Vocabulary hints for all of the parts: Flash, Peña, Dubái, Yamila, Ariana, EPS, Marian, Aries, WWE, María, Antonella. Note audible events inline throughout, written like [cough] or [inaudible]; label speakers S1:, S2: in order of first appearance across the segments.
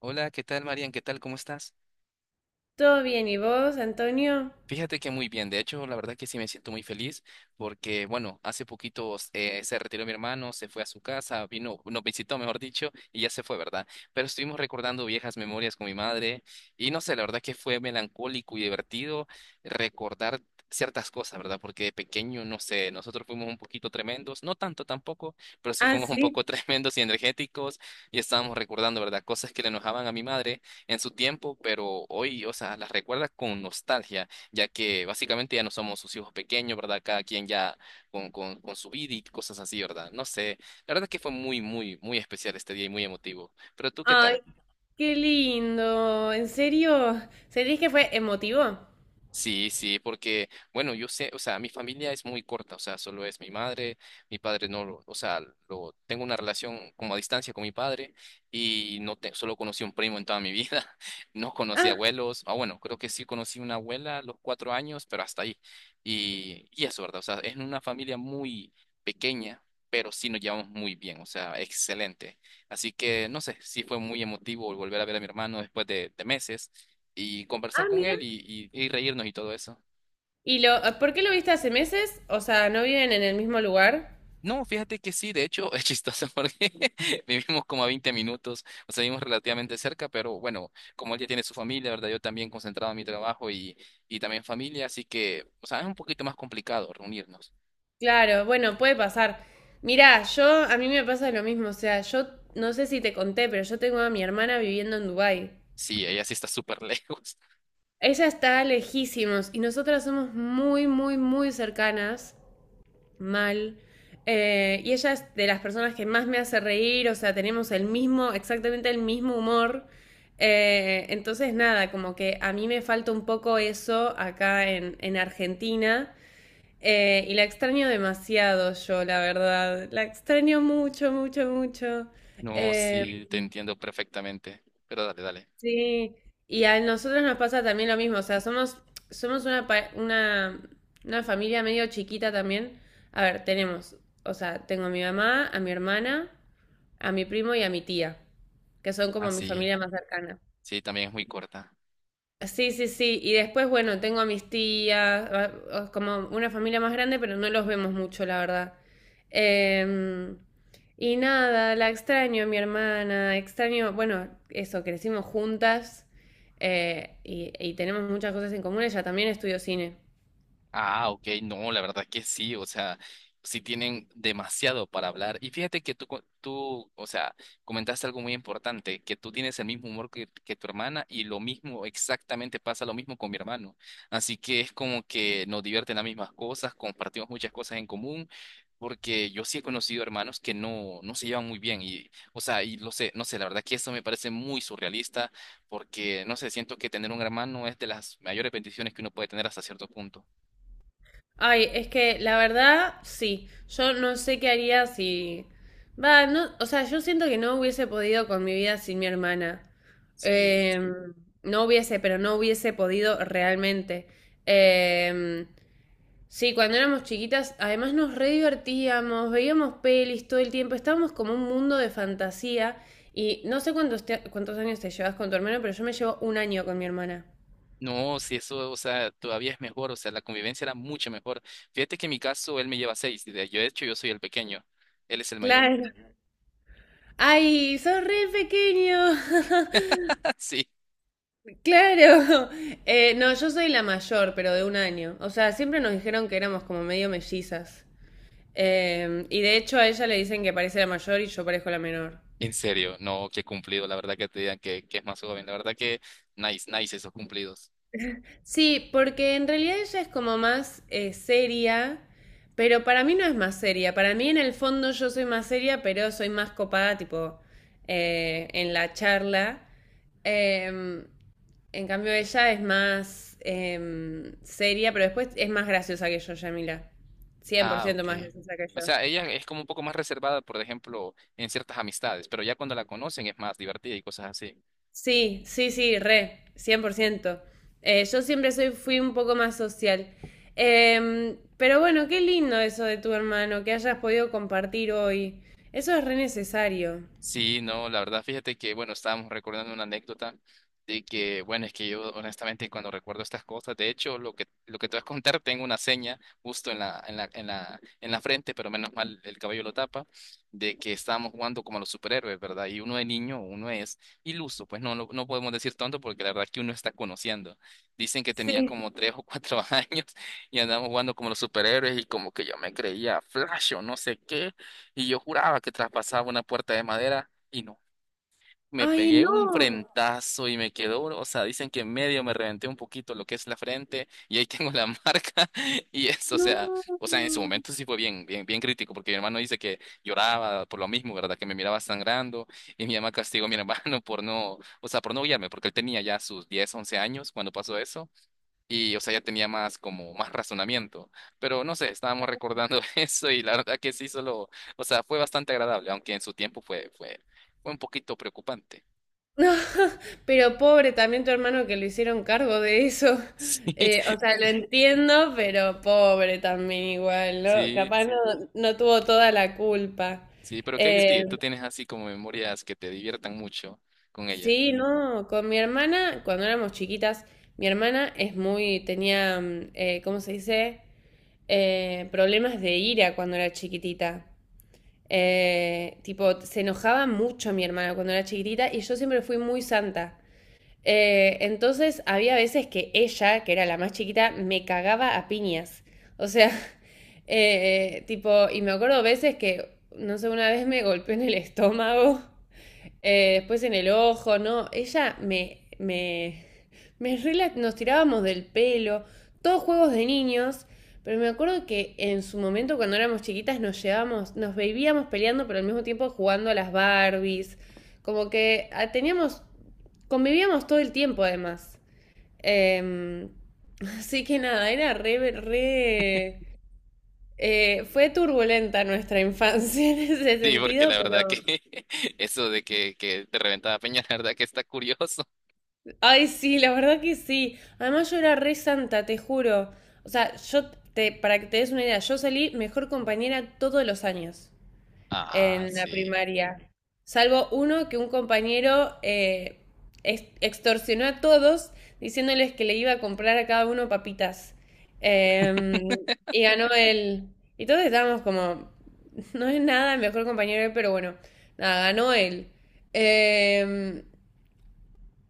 S1: Hola, ¿qué tal, Marian? ¿Qué tal? ¿Cómo estás?
S2: Todo bien, ¿y vos, Antonio?
S1: Fíjate que muy bien, de hecho, la verdad que sí me siento muy feliz porque, bueno, hace poquito se retiró mi hermano, se fue a su casa, vino, nos visitó, mejor dicho, y ya se fue, ¿verdad? Pero estuvimos recordando viejas memorias con mi madre y no sé, la verdad que fue melancólico y divertido recordar ciertas cosas, ¿verdad? Porque de pequeño, no sé, nosotros fuimos un poquito tremendos, no tanto tampoco, pero sí
S2: Ah,
S1: fuimos un
S2: sí.
S1: poco [laughs] tremendos y energéticos y estábamos recordando, ¿verdad? Cosas que le enojaban a mi madre en su tiempo, pero hoy, o sea, las recuerda con nostalgia ya que básicamente ya no somos sus hijos pequeños, ¿verdad? Cada quien ya con su vida y cosas así, ¿verdad? No sé, la verdad es que fue muy, muy, muy especial este día y muy emotivo. Pero tú, ¿qué tal?
S2: Ay, qué lindo. ¿En serio? ¿Sentís que fue emotivo?
S1: Sí, sí, porque, bueno, yo sé, o sea, mi familia es muy corta, o sea, solo es mi madre, mi padre no lo, o sea, lo, tengo una relación como a distancia con mi padre y no te, solo conocí un primo en toda mi vida, [laughs] no conocí
S2: Ah,
S1: abuelos, ah, bueno, creo que sí conocí una abuela a los 4 años, pero hasta ahí. Y eso, ¿verdad? O sea, es una familia muy pequeña, pero sí nos llevamos muy bien, o sea, excelente. Así que, no sé, sí fue muy emotivo volver a ver a mi hermano después de meses y conversar
S2: ah,
S1: con
S2: mira.
S1: él y reírnos y todo eso.
S2: ¿ Por qué lo viste hace meses? O sea, ¿no viven en el mismo lugar?
S1: No, fíjate que sí, de hecho es chistoso [laughs] porque vivimos como a 20 minutos, o sea, vivimos relativamente cerca, pero bueno, como él ya tiene su familia, ¿verdad? Yo también concentrado en mi trabajo y también familia, así que, o sea, es un poquito más complicado reunirnos.
S2: Claro, bueno, puede pasar. Mirá, yo, a mí me pasa lo mismo. O sea, yo no sé si te conté, pero yo tengo a mi hermana viviendo en Dubái.
S1: Sí, ella sí está súper [laughs] lejos.
S2: Ella está lejísimos y nosotras somos muy, muy, muy cercanas. Mal. Y ella es de las personas que más me hace reír, o sea, tenemos el mismo, exactamente el mismo humor. Entonces, nada, como que a mí me falta un poco eso acá en Argentina. Y la extraño demasiado yo, la verdad. La extraño mucho, mucho, mucho.
S1: No,
S2: Eh,
S1: sí, te entiendo perfectamente, pero dale, dale.
S2: Sí, y a nosotros nos pasa también lo mismo, o sea, somos una familia medio chiquita también. A ver, tenemos, o sea, tengo a mi mamá, a mi hermana, a mi primo y a mi tía, que son
S1: Ah,
S2: como mi
S1: sí,
S2: familia más cercana.
S1: sí, también es muy corta.
S2: Sí, sí, sí. Y después, bueno, tengo a mis tías, como una familia más grande, pero no los vemos mucho, la verdad. Em, y nada, la extraño, a mi hermana, extraño, bueno, eso, crecimos juntas, y tenemos muchas cosas en común. Ella también estudió cine.
S1: Ah, ok, no, la verdad que sí, o sea, sí tienen demasiado para hablar. Y fíjate que tú, o sea, comentaste algo muy importante, que tú tienes el mismo humor que tu hermana y lo mismo, exactamente pasa lo mismo con mi hermano. Así que es como que nos divierten las mismas cosas, compartimos muchas cosas en común, porque yo sí he conocido hermanos que no, no se llevan muy bien y, o sea, y lo sé, no sé, la verdad que eso me parece muy surrealista, porque, no sé, siento que tener un hermano es de las mayores bendiciones que uno puede tener hasta cierto punto.
S2: Ay, es que la verdad, sí. Yo no sé qué haría si. Va, no, o sea, yo siento que no hubiese podido con mi vida sin mi hermana.
S1: Sí.
S2: Em, no hubiese, pero no hubiese podido realmente. Em, sí, cuando éramos chiquitas, además nos re divertíamos, veíamos pelis todo el tiempo, estábamos como un mundo de fantasía. Y no sé cuántos años te llevas con tu hermano, pero yo me llevo un año con mi hermana.
S1: No, si eso, o sea, todavía es mejor, o sea, la convivencia era mucho mejor. Fíjate que en mi caso él me lleva seis, y de, yo de hecho yo soy el pequeño, él es el mayor.
S2: Claro. Ay, sos re pequeño. [laughs]
S1: [laughs] Sí,
S2: Claro. [laughs] No, yo soy la mayor, pero de un año. O sea, siempre nos dijeron que éramos como medio mellizas. Y de hecho a ella le dicen que parece la mayor y yo parezco la menor.
S1: en serio, no, qué cumplido, la verdad que te digan que es más joven, la verdad que nice, nice esos cumplidos.
S2: Sí, porque en realidad ella es como más seria, pero para mí no es más seria. Para mí en el fondo yo soy más seria, pero soy más copada, tipo, en la charla. Em, en cambio ella es más seria, pero después es más graciosa que yo, Yamila. Cien por
S1: Ah,
S2: ciento
S1: ok.
S2: más graciosa que
S1: O
S2: yo.
S1: sea, ella es como un poco más reservada, por ejemplo, en ciertas amistades, pero ya cuando la conocen es más divertida y cosas así.
S2: Sí, sí, sí, re, 100%. Yo siempre soy, fui un poco más social. Pero bueno, qué lindo eso de tu hermano, que hayas podido compartir hoy. Eso es re necesario.
S1: Sí, no, la verdad, fíjate que, bueno, estábamos recordando una anécdota de que, bueno, es que yo honestamente cuando recuerdo estas cosas, de hecho, lo que te voy a contar, tengo una seña justo en la, en la, en la, en la frente, pero menos mal el cabello lo tapa, de que estábamos jugando como los superhéroes, ¿verdad? Y uno de niño, uno es iluso, pues no, no podemos decir tonto porque la verdad que uno está conociendo. Dicen que tenía
S2: Sí.
S1: como tres o cuatro [laughs] años y andábamos jugando como los superhéroes y como que yo me creía Flash o no sé qué. Y yo juraba que traspasaba una puerta de madera y no. Me
S2: Ay,
S1: pegué
S2: no,
S1: un frentazo y me quedó, o sea, dicen que en medio me reventé un poquito lo que es la frente y ahí tengo la [laughs] marca y eso, o sea, en su
S2: no.
S1: momento sí fue bien, bien, bien crítico porque mi hermano dice que lloraba por lo mismo, ¿verdad? Que me miraba sangrando y mi mamá castigó a mi [laughs] hermano por no, o sea, por no guiarme porque él tenía ya sus 10 11 años cuando pasó eso y, o sea, ya tenía más como más razonamiento. Pero no sé, estábamos recordando [laughs] eso y la verdad que sí, solo, o sea, fue bastante agradable, aunque en su tiempo fue un poquito preocupante.
S2: No, [laughs] pero pobre también tu hermano que lo hicieron cargo de eso. [laughs]
S1: [laughs] Sí,
S2: O sea, lo entiendo, pero pobre también igual, ¿no?
S1: sí,
S2: Capaz no, no tuvo toda la culpa.
S1: sí, pero ¿qué hay de
S2: Eh,
S1: ti? ¿Tú tienes así como memorias que te diviertan mucho con ella?
S2: Sí, no, con mi hermana, cuando éramos chiquitas, mi hermana es muy, tenía, ¿cómo se dice? Problemas de ira cuando era chiquitita. Tipo, se enojaba mucho mi hermana cuando era chiquitita y yo siempre fui muy santa. Entonces había veces que ella, que era la más chiquita, me cagaba a piñas. O sea, [laughs] tipo, y me acuerdo veces que, no sé, una vez me golpeó en el estómago. Después en el ojo, ¿no? Ella me, me, me rela- Nos tirábamos del pelo, todos juegos de niños, pero me acuerdo que en su momento cuando éramos chiquitas nos llevábamos, nos bebíamos peleando, pero al mismo tiempo jugando a las Barbies, como que ah, teníamos, convivíamos todo el tiempo además. Em, [laughs] Así que nada, era re, fue turbulenta nuestra infancia [laughs] en ese
S1: Sí, porque la
S2: sentido,
S1: verdad que
S2: pero...
S1: [laughs] eso de que te reventaba Peña, [laughs] la verdad que está curioso.
S2: Ay, sí, la verdad que sí. Además, yo era re santa, te juro. O sea, para que te des una idea, yo salí mejor compañera todos los años
S1: Ah,
S2: en la
S1: sí.
S2: primaria. Salvo uno que un compañero extorsionó a todos diciéndoles que le iba a comprar a cada uno papitas. Em, y ganó él. Y todos estábamos como, [laughs] no es nada el mejor compañero, pero bueno, nada, ganó él. Em,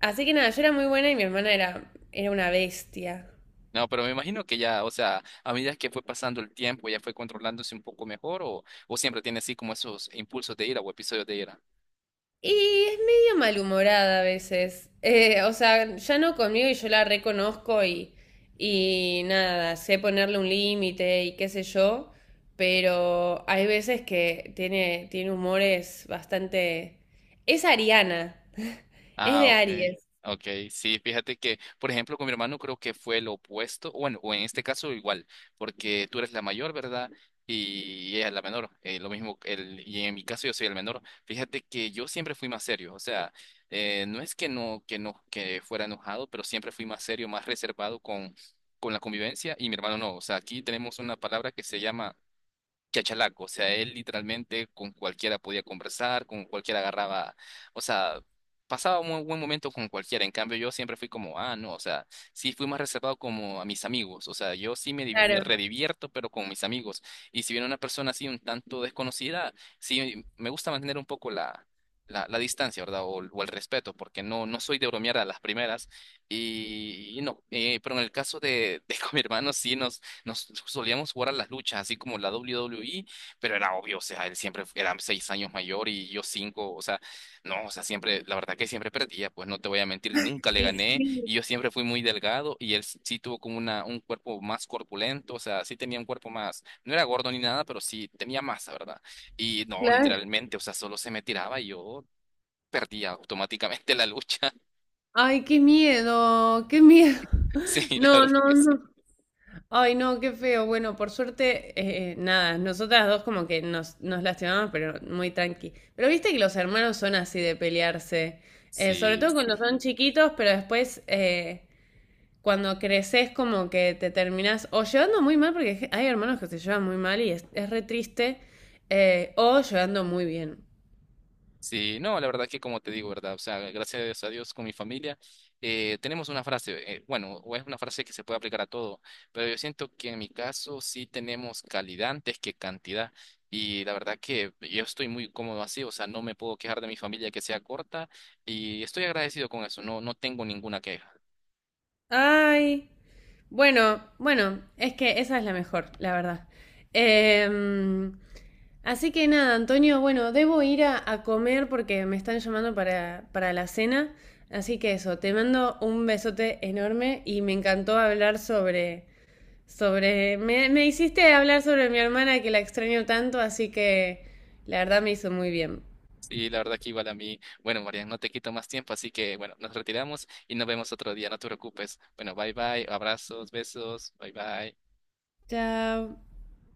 S2: Así que nada, yo era muy buena y mi hermana era, era una bestia.
S1: No, pero me imagino que ya, o sea, a medida que fue pasando el tiempo, ya fue controlándose un poco mejor o siempre tiene así como esos impulsos de ira o episodios de ira.
S2: Y es medio malhumorada a veces. O sea, ya no conmigo y yo la reconozco y, nada, sé ponerle un límite y qué sé yo, pero hay veces que tiene, tiene humores bastante... Es Ariana, [laughs] es
S1: Ah,
S2: de
S1: ok,
S2: Aries,
S1: ok, sí, fíjate que, por ejemplo, con mi hermano creo que fue lo opuesto, bueno, o en este caso igual, porque tú eres la mayor, ¿verdad? Y ella es la menor, lo mismo, el, y en mi caso yo soy el menor, fíjate que yo siempre fui más serio, o sea, no es que no, que no, que fuera enojado, pero siempre fui más serio, más reservado con la convivencia, y mi hermano no, o sea, aquí tenemos una palabra que se llama chachalaco, o sea, él literalmente con cualquiera podía conversar, con cualquiera agarraba, o sea, pasaba un buen buen momento con cualquiera, en cambio yo siempre fui como, ah, no, o sea, sí fui más reservado como a mis amigos, o sea, yo sí me, me
S2: claro.
S1: redivierto, pero con mis amigos, y si viene una persona así un tanto desconocida, sí me gusta mantener un poco la... La distancia, ¿verdad? O el respeto, porque no, no soy de bromear a las primeras y no, pero en el caso de, [laughs] de con mi hermano sí nos solíamos jugar a las luchas, así como la WWE, pero era obvio, o sea, él siempre era 6 años mayor y yo cinco, o sea, no, o sea, siempre, la verdad que siempre perdía, pues no te voy a mentir, nunca le
S2: Y
S1: gané
S2: sí,
S1: y yo siempre fui muy delgado y él sí tuvo como una, un cuerpo más corpulento, o sea, sí tenía un cuerpo más, no era gordo ni nada, pero sí tenía masa, ¿verdad? Y no,
S2: claro.
S1: literalmente, o sea, solo se me tiraba y yo perdía automáticamente la lucha,
S2: Ay, qué miedo, qué miedo.
S1: [laughs] sí,
S2: [laughs]
S1: la
S2: No,
S1: verdad que
S2: no,
S1: sí.
S2: no. Ay, no, qué feo. Bueno, por suerte, nada, nosotras dos como que nos, nos lastimamos, pero muy tranqui. Pero viste que los hermanos son así de pelearse, sobre todo
S1: Sí.
S2: cuando son chiquitos, pero después cuando creces como que te terminás o llevando muy mal, porque hay hermanos que se llevan muy mal y es re triste, o llevando muy bien.
S1: Sí, no, la verdad que como te digo, ¿verdad? O sea, gracias a Dios con mi familia, tenemos una frase, bueno, o es una frase que se puede aplicar a todo, pero yo siento que en mi caso sí tenemos calidad antes que cantidad. Y la verdad que yo estoy muy cómodo así, o sea, no me puedo quejar de mi familia que sea corta y estoy agradecido con eso, no, no tengo ninguna queja.
S2: Ay, bueno, bueno, es que esa es la mejor, la verdad. Em, Así que nada, Antonio, bueno, debo ir a comer porque me están llamando para la cena. Así que eso, te mando un besote enorme y me encantó hablar sobre, me hiciste hablar sobre mi hermana que la extraño tanto, así que la verdad me hizo muy bien.
S1: Sí, la verdad que igual a mí, bueno, María, no te quito más tiempo, así que bueno, nos retiramos y nos vemos otro día, no te preocupes. Bueno, bye bye, abrazos, besos, bye bye.
S2: Chao.